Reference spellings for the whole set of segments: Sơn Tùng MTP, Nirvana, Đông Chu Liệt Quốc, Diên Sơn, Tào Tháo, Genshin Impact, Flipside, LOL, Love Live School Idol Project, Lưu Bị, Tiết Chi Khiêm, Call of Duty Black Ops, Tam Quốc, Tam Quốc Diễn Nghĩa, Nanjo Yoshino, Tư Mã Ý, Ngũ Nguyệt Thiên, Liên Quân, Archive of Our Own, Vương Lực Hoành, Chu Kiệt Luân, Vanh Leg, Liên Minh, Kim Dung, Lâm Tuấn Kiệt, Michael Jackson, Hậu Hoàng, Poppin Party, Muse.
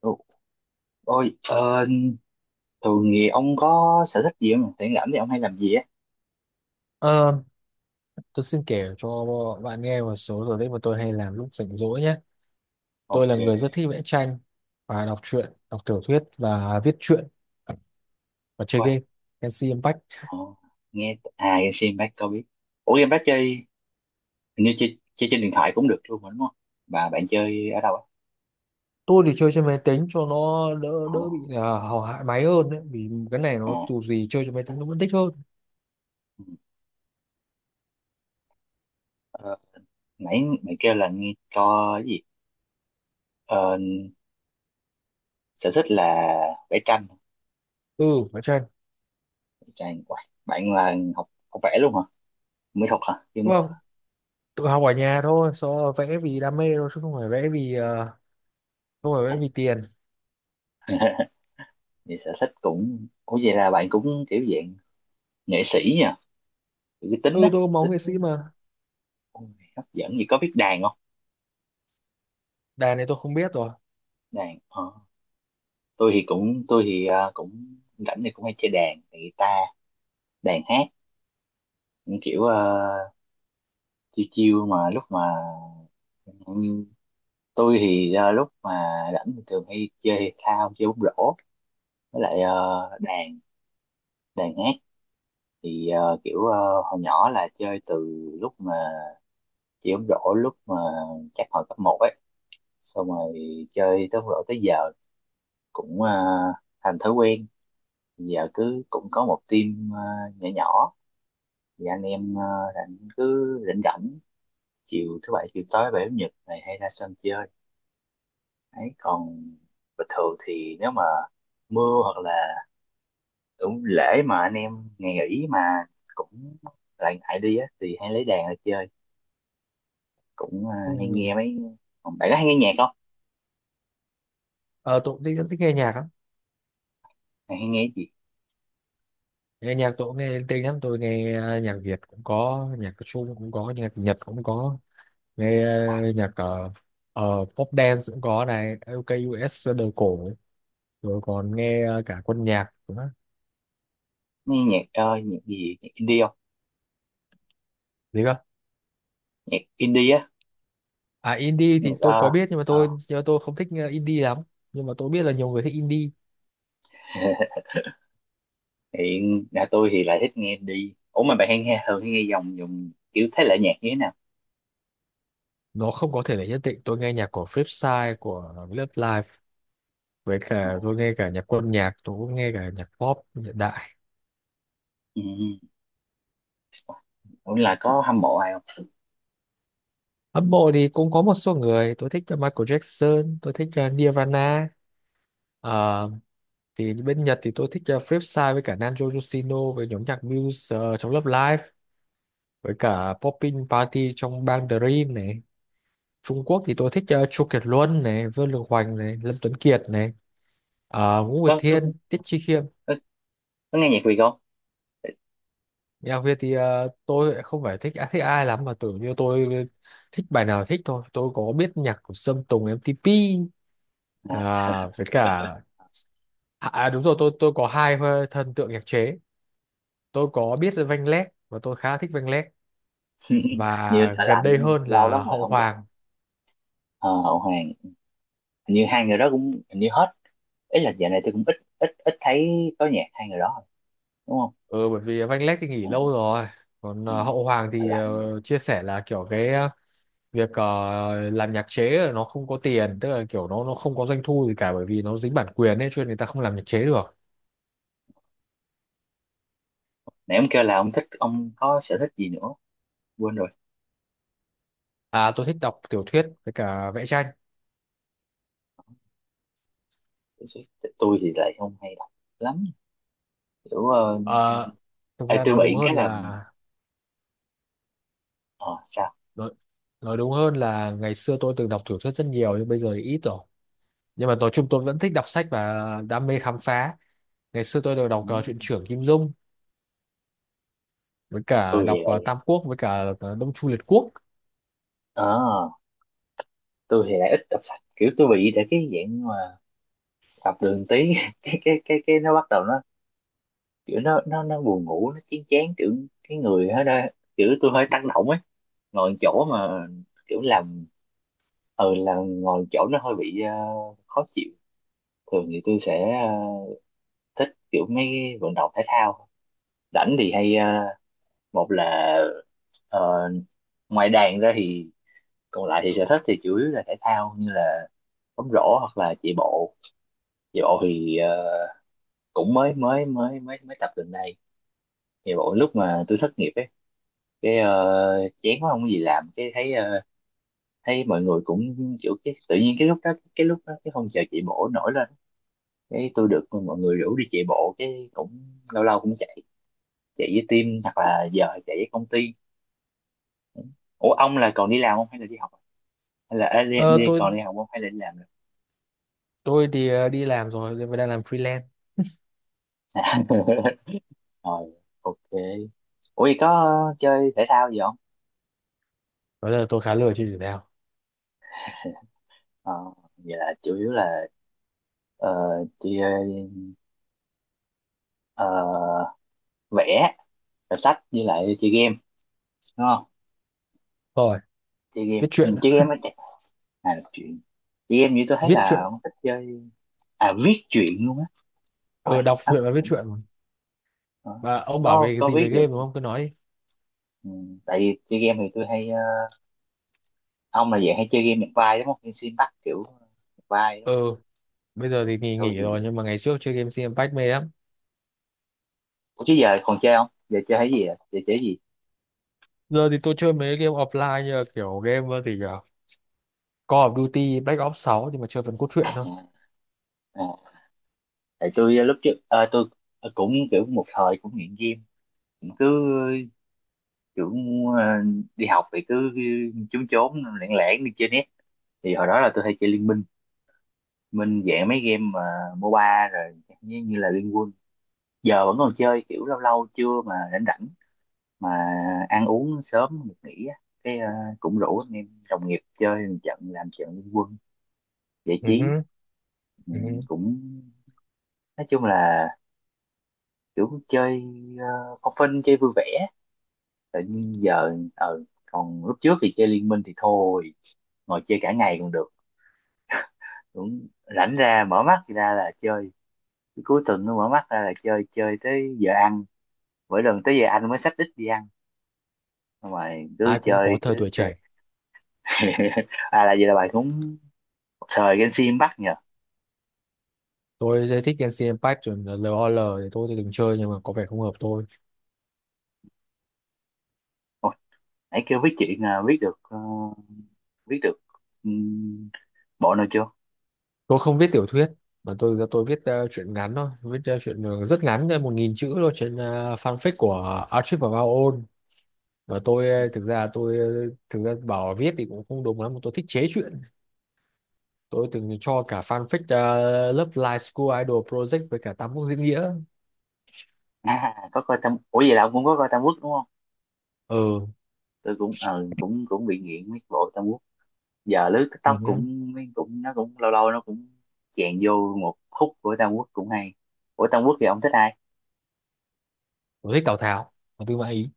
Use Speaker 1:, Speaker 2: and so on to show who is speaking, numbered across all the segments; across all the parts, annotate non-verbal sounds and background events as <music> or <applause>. Speaker 1: Ồ. Ôi, thường thì ông có sở thích gì không? Rảnh rảnh thì ông hay làm gì á?
Speaker 2: Ờ, tôi xin kể cho bạn nghe một số sở thích mà tôi hay làm lúc rảnh rỗi nhé. Tôi là
Speaker 1: Ok,
Speaker 2: người rất thích vẽ tranh và đọc truyện, đọc tiểu thuyết và viết truyện và chơi
Speaker 1: quay.
Speaker 2: game MC Impact.
Speaker 1: Ờ, Nghe à game xem bác có biết. Ủa game bác chơi hình như chơi trên điện thoại cũng được luôn mà đúng không? Bà bạn chơi ở đâu á?
Speaker 2: Tôi thì chơi trên máy tính cho nó đỡ
Speaker 1: Ờ,
Speaker 2: đỡ bị là hầu hại máy hơn đấy, vì cái này nó
Speaker 1: à,
Speaker 2: dù gì chơi trên máy tính nó vẫn thích hơn.
Speaker 1: ừ. Ờ, Nãy mày kêu là nghe cho cái gì? Ờ, Sở thích là vẽ tranh.
Speaker 2: Ừ, vẽ tranh.
Speaker 1: Vẽ tranh. Uầy, bạn là học học vẽ luôn hả? Mỹ thuật hả? Chưa mỹ
Speaker 2: Đúng
Speaker 1: thuật hả?
Speaker 2: không? Tự học ở nhà thôi, so vẽ vì đam mê thôi chứ không phải vẽ vì ờ, không phải vẽ vì tiền.
Speaker 1: Vậy sở thích cũng Ủa vậy là bạn cũng kiểu dạng nghệ sĩ nha, cái tính
Speaker 2: Ừ,
Speaker 1: á.
Speaker 2: tôi có máu nghệ sĩ mà.
Speaker 1: Ôi, hấp dẫn gì, có biết đàn không?
Speaker 2: Đàn này tôi không biết rồi.
Speaker 1: đàn ờ, tôi thì cũng rảnh thì cũng hay chơi đàn, thì guitar, đàn hát, những kiểu, chiêu chiêu mà lúc mà, như tôi thì, lúc mà rảnh thì thường hay chơi thể thao, chơi bóng rổ, với lại đàn đàn hát, thì kiểu hồi nhỏ là chơi từ lúc mà chơi bóng rổ, lúc mà chắc hồi cấp một ấy, xong rồi chơi tới bóng rổ tới giờ, cũng thành thói quen. Giờ cứ cũng có một team nhỏ nhỏ thì anh em, rảnh cứ rảnh rảnh chiều thứ bảy, chiều tối bảy, chủ nhật này hay ra sân chơi ấy. Còn bình thường thì nếu mà mưa, hoặc là cũng lễ mà anh em ngày nghỉ, mà cũng lại ngại đi á, thì hay lấy đàn ra chơi, cũng hay
Speaker 2: Ừ.
Speaker 1: nghe mấy. Còn bạn có hay nghe nhạc không?
Speaker 2: Ờ, tôi cũng thích, rất thích nghe nhạc lắm.
Speaker 1: Bạn hay nghe cái gì?
Speaker 2: Nghe nhạc tôi cũng nghe linh tinh lắm, tôi nghe nhạc Việt cũng có, nhạc Trung cũng có, nhạc Nhật cũng có. Nghe
Speaker 1: À,
Speaker 2: nhạc pop dance cũng có này, LKUS đời cổ, rồi còn nghe cả quân nhạc nữa.
Speaker 1: nghe nhạc, nhạc gì, nhạc indie không?
Speaker 2: Gì cơ?
Speaker 1: Nhạc indie á?
Speaker 2: À, indie thì
Speaker 1: Nhạc
Speaker 2: tôi
Speaker 1: ờ,
Speaker 2: có biết, nhưng mà tôi không thích indie lắm. Nhưng mà tôi biết là nhiều người thích indie.
Speaker 1: ờ. Hiện nhà tôi thì lại thích nghe đi, ủa, mà bạn hay nghe, thường hay nghe dòng, dùng kiểu thể loại nhạc như thế nào?
Speaker 2: Nó không có thể là nhất định, tôi nghe nhạc của Flipside của Love Live, với
Speaker 1: Ờ,
Speaker 2: cả tôi nghe cả nhạc quân nhạc, tôi cũng nghe cả nhạc pop hiện đại.
Speaker 1: ừ. Ừ. Ủa là có hâm mộ ai không?
Speaker 2: Hâm mộ thì cũng có một số người. Tôi thích Michael Jackson, tôi thích Nirvana. Ờ, thì bên Nhật thì tôi thích Flipside với cả Nanjo Yoshino, với nhóm nhạc Muse trong Love Live, với cả Poppin Party trong bang Dream này. Trung Quốc thì tôi thích Chu Kiệt Luân này, Vương Lực Hoành này, Lâm Tuấn Kiệt này, Ngũ Nguyệt
Speaker 1: Có, có,
Speaker 2: Thiên, Tiết Chi Khiêm.
Speaker 1: có. Có nghe nhạc Việt không?
Speaker 2: Nhạc Việt thì tôi lại không phải thích, à, thích ai lắm mà tưởng như tôi thích bài nào thích thôi. Tôi có biết nhạc của Sơn Tùng MTP
Speaker 1: À.
Speaker 2: à, với cả. À, à, đúng rồi, tôi có hai thần tượng nhạc chế. Tôi có biết Vanh Leg và tôi khá thích Vanh Leg,
Speaker 1: <laughs> Như
Speaker 2: và
Speaker 1: thợ
Speaker 2: gần đây
Speaker 1: lạnh
Speaker 2: hơn
Speaker 1: lâu lắm
Speaker 2: là
Speaker 1: rồi
Speaker 2: Hậu
Speaker 1: không gặp.
Speaker 2: Hoàng.
Speaker 1: Ờ, Hậu Hoàng. Hình như hai người đó cũng, hình như hết, ý là dạo này tôi cũng ít, ít ít thấy có nhạc hai người đó rồi, đúng không?
Speaker 2: Ừ, bởi vì Vanh Leg thì nghỉ
Speaker 1: Ờ,
Speaker 2: lâu rồi. Còn
Speaker 1: ừ.
Speaker 2: Hậu Hoàng
Speaker 1: Thở
Speaker 2: thì
Speaker 1: lặng.
Speaker 2: chia sẻ là kiểu cái việc làm nhạc chế là nó không có tiền, tức là kiểu nó không có doanh thu gì cả, bởi vì nó dính bản quyền ấy cho nên người ta không làm nhạc chế được.
Speaker 1: Nãy ông kêu là ông có sở thích gì nữa, quên rồi.
Speaker 2: À, tôi thích đọc tiểu thuyết với cả vẽ tranh.
Speaker 1: Tôi tôi thì lại không hay đọc lắm, kiểu,
Speaker 2: Ờ, Thực
Speaker 1: ê,
Speaker 2: ra
Speaker 1: tôi
Speaker 2: nói đúng
Speaker 1: bị
Speaker 2: hơn
Speaker 1: cái là,
Speaker 2: là
Speaker 1: ờ sao,
Speaker 2: nói, nói đúng hơn là ngày xưa tôi từng đọc tiểu thuyết rất nhiều nhưng bây giờ thì ít rồi. Nhưng mà nói chung tôi vẫn thích đọc sách và đam mê khám phá. Ngày xưa tôi đều đọc truyện
Speaker 1: ừ.
Speaker 2: trưởng Kim Dung, với cả
Speaker 1: tôi thì
Speaker 2: đọc
Speaker 1: lại
Speaker 2: Tam Quốc với cả Đông Chu Liệt Quốc.
Speaker 1: ờ tôi thì lại ít tập sách, kiểu tôi bị để cái dạng mà tập đường tí. <laughs> Cái nó bắt đầu nó kiểu, nó nó buồn ngủ, nó chán chán, kiểu cái người hết đó, kiểu tôi hơi tăng động ấy, ngồi chỗ mà kiểu làm, ừ, làm ngồi chỗ nó hơi bị khó chịu. Thường thì tôi sẽ, thích kiểu mấy vận động thể thao. Rảnh thì hay, một là, ờ, ngoài đàn ra thì còn lại thì sở thích thì chủ yếu là thể thao, như là bóng rổ hoặc là chạy bộ. Về bộ thì, cũng mới mới mới mới mới tập gần đây. Về bộ lúc mà tôi thất nghiệp ấy, cái, chán quá không có gì làm, cái thấy, thấy mọi người cũng kiểu, cái tự nhiên cái lúc đó, cái lúc đó cái phong trào chạy bộ nổi lên. Cái tôi được mọi người rủ đi chạy bộ, cái cũng lâu lâu cũng chạy chạy với team, hoặc là giờ chạy với công ty. Ủa ông là còn đi làm không hay là đi học? Hay là ê, đi,
Speaker 2: Ờ,
Speaker 1: đi
Speaker 2: tôi
Speaker 1: còn đi học không hay là đi làm? Rồi.
Speaker 2: tôi thì đi làm rồi nhưng đang làm freelance.
Speaker 1: <laughs> Rồi, ok. Ủa vậy có chơi thể thao gì không?
Speaker 2: Bây giờ tôi khá lười chơi thể thao.
Speaker 1: Ờ, Vậy là chủ yếu là, Ờ, chị, ờ, vẽ, đọc sách với lại chơi game, đúng không?
Speaker 2: Rồi,
Speaker 1: Chơi game,
Speaker 2: viết
Speaker 1: ừ,
Speaker 2: truyện
Speaker 1: chơi
Speaker 2: ạ.
Speaker 1: game á chắc, à, đọc truyện. Chơi game, như tôi thấy
Speaker 2: Viết truyện
Speaker 1: là ông thích chơi. À, viết truyện luôn á? Ôi,
Speaker 2: ờ đọc
Speaker 1: hấp
Speaker 2: truyện và viết
Speaker 1: dẫn.
Speaker 2: truyện.
Speaker 1: Ờ,
Speaker 2: Và ông bảo
Speaker 1: có
Speaker 2: về cái
Speaker 1: có
Speaker 2: gì
Speaker 1: viết
Speaker 2: về
Speaker 1: được,
Speaker 2: game, đúng không, cứ nói đi.
Speaker 1: ừ, tại vì chơi game thì tôi hay, ông là dạng hay chơi game nhập vai đúng không, hay xuyên bắt kiểu nhập vai đúng
Speaker 2: ờ
Speaker 1: không?
Speaker 2: bây giờ thì nghỉ
Speaker 1: Tôi
Speaker 2: nghỉ rồi,
Speaker 1: thì,
Speaker 2: nhưng mà ngày trước chơi game Genshin Impact mê lắm.
Speaker 1: ủa chứ giờ còn chơi không, giờ chơi cái gì, à giờ chơi cái gì?
Speaker 2: Giờ thì tôi chơi mấy game offline, như là kiểu game thì Call of Duty Black Ops 6, nhưng mà chơi phần cốt truyện
Speaker 1: À,
Speaker 2: thôi.
Speaker 1: à, tại tôi lúc trước, tôi cũng kiểu một thời cũng nghiện game, cũng cứ kiểu, ờ, đi học thì cứ trốn trốn lẻn lẻn đi chơi net. Thì hồi đó là tôi hay chơi Liên Minh, Minh dạng mấy game mà MOBA rồi, như là Liên Quân. Giờ vẫn còn chơi kiểu lâu lâu trưa mà rảnh rảnh, mà ăn uống sớm được nghỉ á, cái, cũng rủ anh em đồng nghiệp chơi một trận, làm trận Liên Quân giải
Speaker 2: Ừ
Speaker 1: trí.
Speaker 2: hứ,
Speaker 1: Ừ,
Speaker 2: ừ hứ.
Speaker 1: cũng nói chung là kiểu chơi, phong phanh chơi vui vẻ. Tự nhiên giờ, còn lúc trước thì chơi Liên Minh thì thôi, ngồi chơi cả ngày còn được, cũng rảnh ra mở mắt ra là chơi. Cái cuối tuần nó mở mắt ra là chơi, chơi tới giờ ăn, mỗi lần tới giờ ăn mới xách ít đi ăn. Xong rồi cứ
Speaker 2: Ai cũng có
Speaker 1: chơi
Speaker 2: thời
Speaker 1: cứ
Speaker 2: tuổi
Speaker 1: chơi.
Speaker 2: trẻ.
Speaker 1: <laughs> À là vậy là bạn cũng một thời game sim bắt nhờ.
Speaker 2: Tôi rất thích Genshin Impact, rồi là LOL thì tôi từng chơi nhưng mà có vẻ không hợp tôi.
Speaker 1: Ôi, nãy kêu với chị à, biết được, biết được, ừm, bộ nào chưa?
Speaker 2: Tôi không viết tiểu thuyết mà tôi viết truyện ngắn thôi, viết truyện rất ngắn, 1.000 chữ thôi, trên fanfic của Archive of Our Own. Và tôi
Speaker 1: <laughs>
Speaker 2: thực ra bảo viết thì cũng không đúng lắm mà tôi thích chế truyện. Tôi từng cho cả fanfic Love Live School Idol Project với cả Tam Quốc Diễn Nghĩa.
Speaker 1: À, có coi Tam ủa vậy là ông cũng có coi Tam Quốc đúng không?
Speaker 2: Ừ,
Speaker 1: Tôi cũng ờ, cũng cũng bị nghiện mấy bộ Tam Quốc. Giờ lướt TikTok
Speaker 2: ừ.
Speaker 1: cũng, nó cũng lâu lâu nó cũng chèn vô một khúc của Tam Quốc cũng hay. Của Tam Quốc thì ông thích ai?
Speaker 2: Tôi thích Tào Tháo và Tư Mã Ý.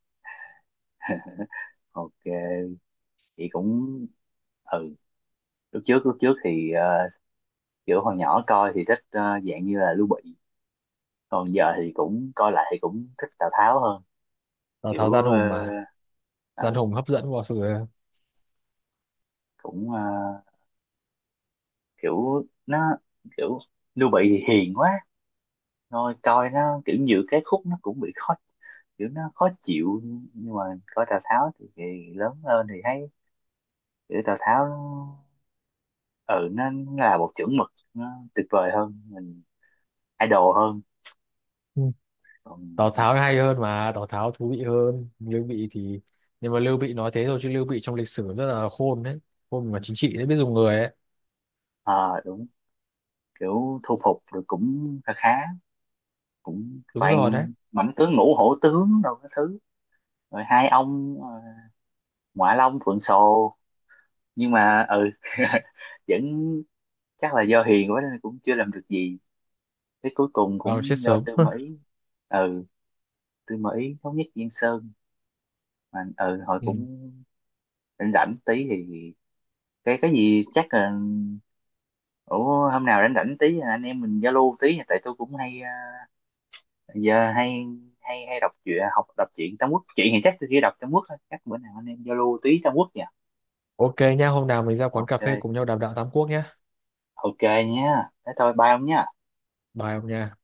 Speaker 1: Ok, chị cũng, ừ, lúc trước thì, kiểu hồi nhỏ coi thì thích, dạng như là Lưu Bị, còn giờ thì cũng coi lại thì cũng thích Tào Tháo hơn,
Speaker 2: Tào
Speaker 1: kiểu,
Speaker 2: Tháo gian hùng mà, gian
Speaker 1: ờ,
Speaker 2: hùng hấp dẫn vào sự.
Speaker 1: cũng, kiểu nó, kiểu Lưu Bị thì hiền quá. Thôi coi nó kiểu nhiều cái khúc nó cũng bị khó, kiểu nó khó chịu, nhưng mà coi Tào Tháo thì, lớn hơn thì thấy kiểu Tào Tháo nó, ừ nó là một chuẩn mực, nó tuyệt vời hơn mình, idol hơn.
Speaker 2: Ừ.
Speaker 1: Còn,
Speaker 2: Tào Tháo hay hơn mà, Tào Tháo thú vị hơn Lưu Bị thì, nhưng mà Lưu Bị nói thế thôi chứ Lưu Bị trong lịch sử rất là khôn đấy, khôn mà chính trị đấy, biết dùng người ấy.
Speaker 1: ờ, đúng, kiểu thu phục rồi cũng khá khá, cũng
Speaker 2: Đúng rồi đấy.
Speaker 1: toàn mãnh tướng ngũ hổ tướng đâu cái thứ, rồi hai ông, Ngoại Long Phượng Sồ nhưng mà ừ. <laughs> Vẫn, chắc là do hiền quá nên cũng chưa làm được gì, thế cuối cùng
Speaker 2: Vào chết
Speaker 1: cũng do
Speaker 2: sớm.
Speaker 1: Tư Mã Ý. Ừ, Tư Mã Ý thống nhất Diên Sơn, mà ừ hồi
Speaker 2: <laughs> Ừ.
Speaker 1: cũng rảnh rảnh tí thì, cái gì chắc là, ủa hôm nào rảnh rảnh tí anh em mình giao lưu tí, tại tôi cũng hay, giờ hay, hay đọc truyện, học đọc truyện Trung Quốc, chuyện thì chắc tôi chỉ đọc Trung Quốc thôi, chắc bữa nào anh em giao lưu tí Trung Quốc nha.
Speaker 2: Ok nhá, hôm nào mình ra quán cà phê
Speaker 1: Ok,
Speaker 2: cùng nhau đàm đạo Tam Quốc nhá.
Speaker 1: ok nhé, thế thôi bye ông nhé.
Speaker 2: Bye ông nha.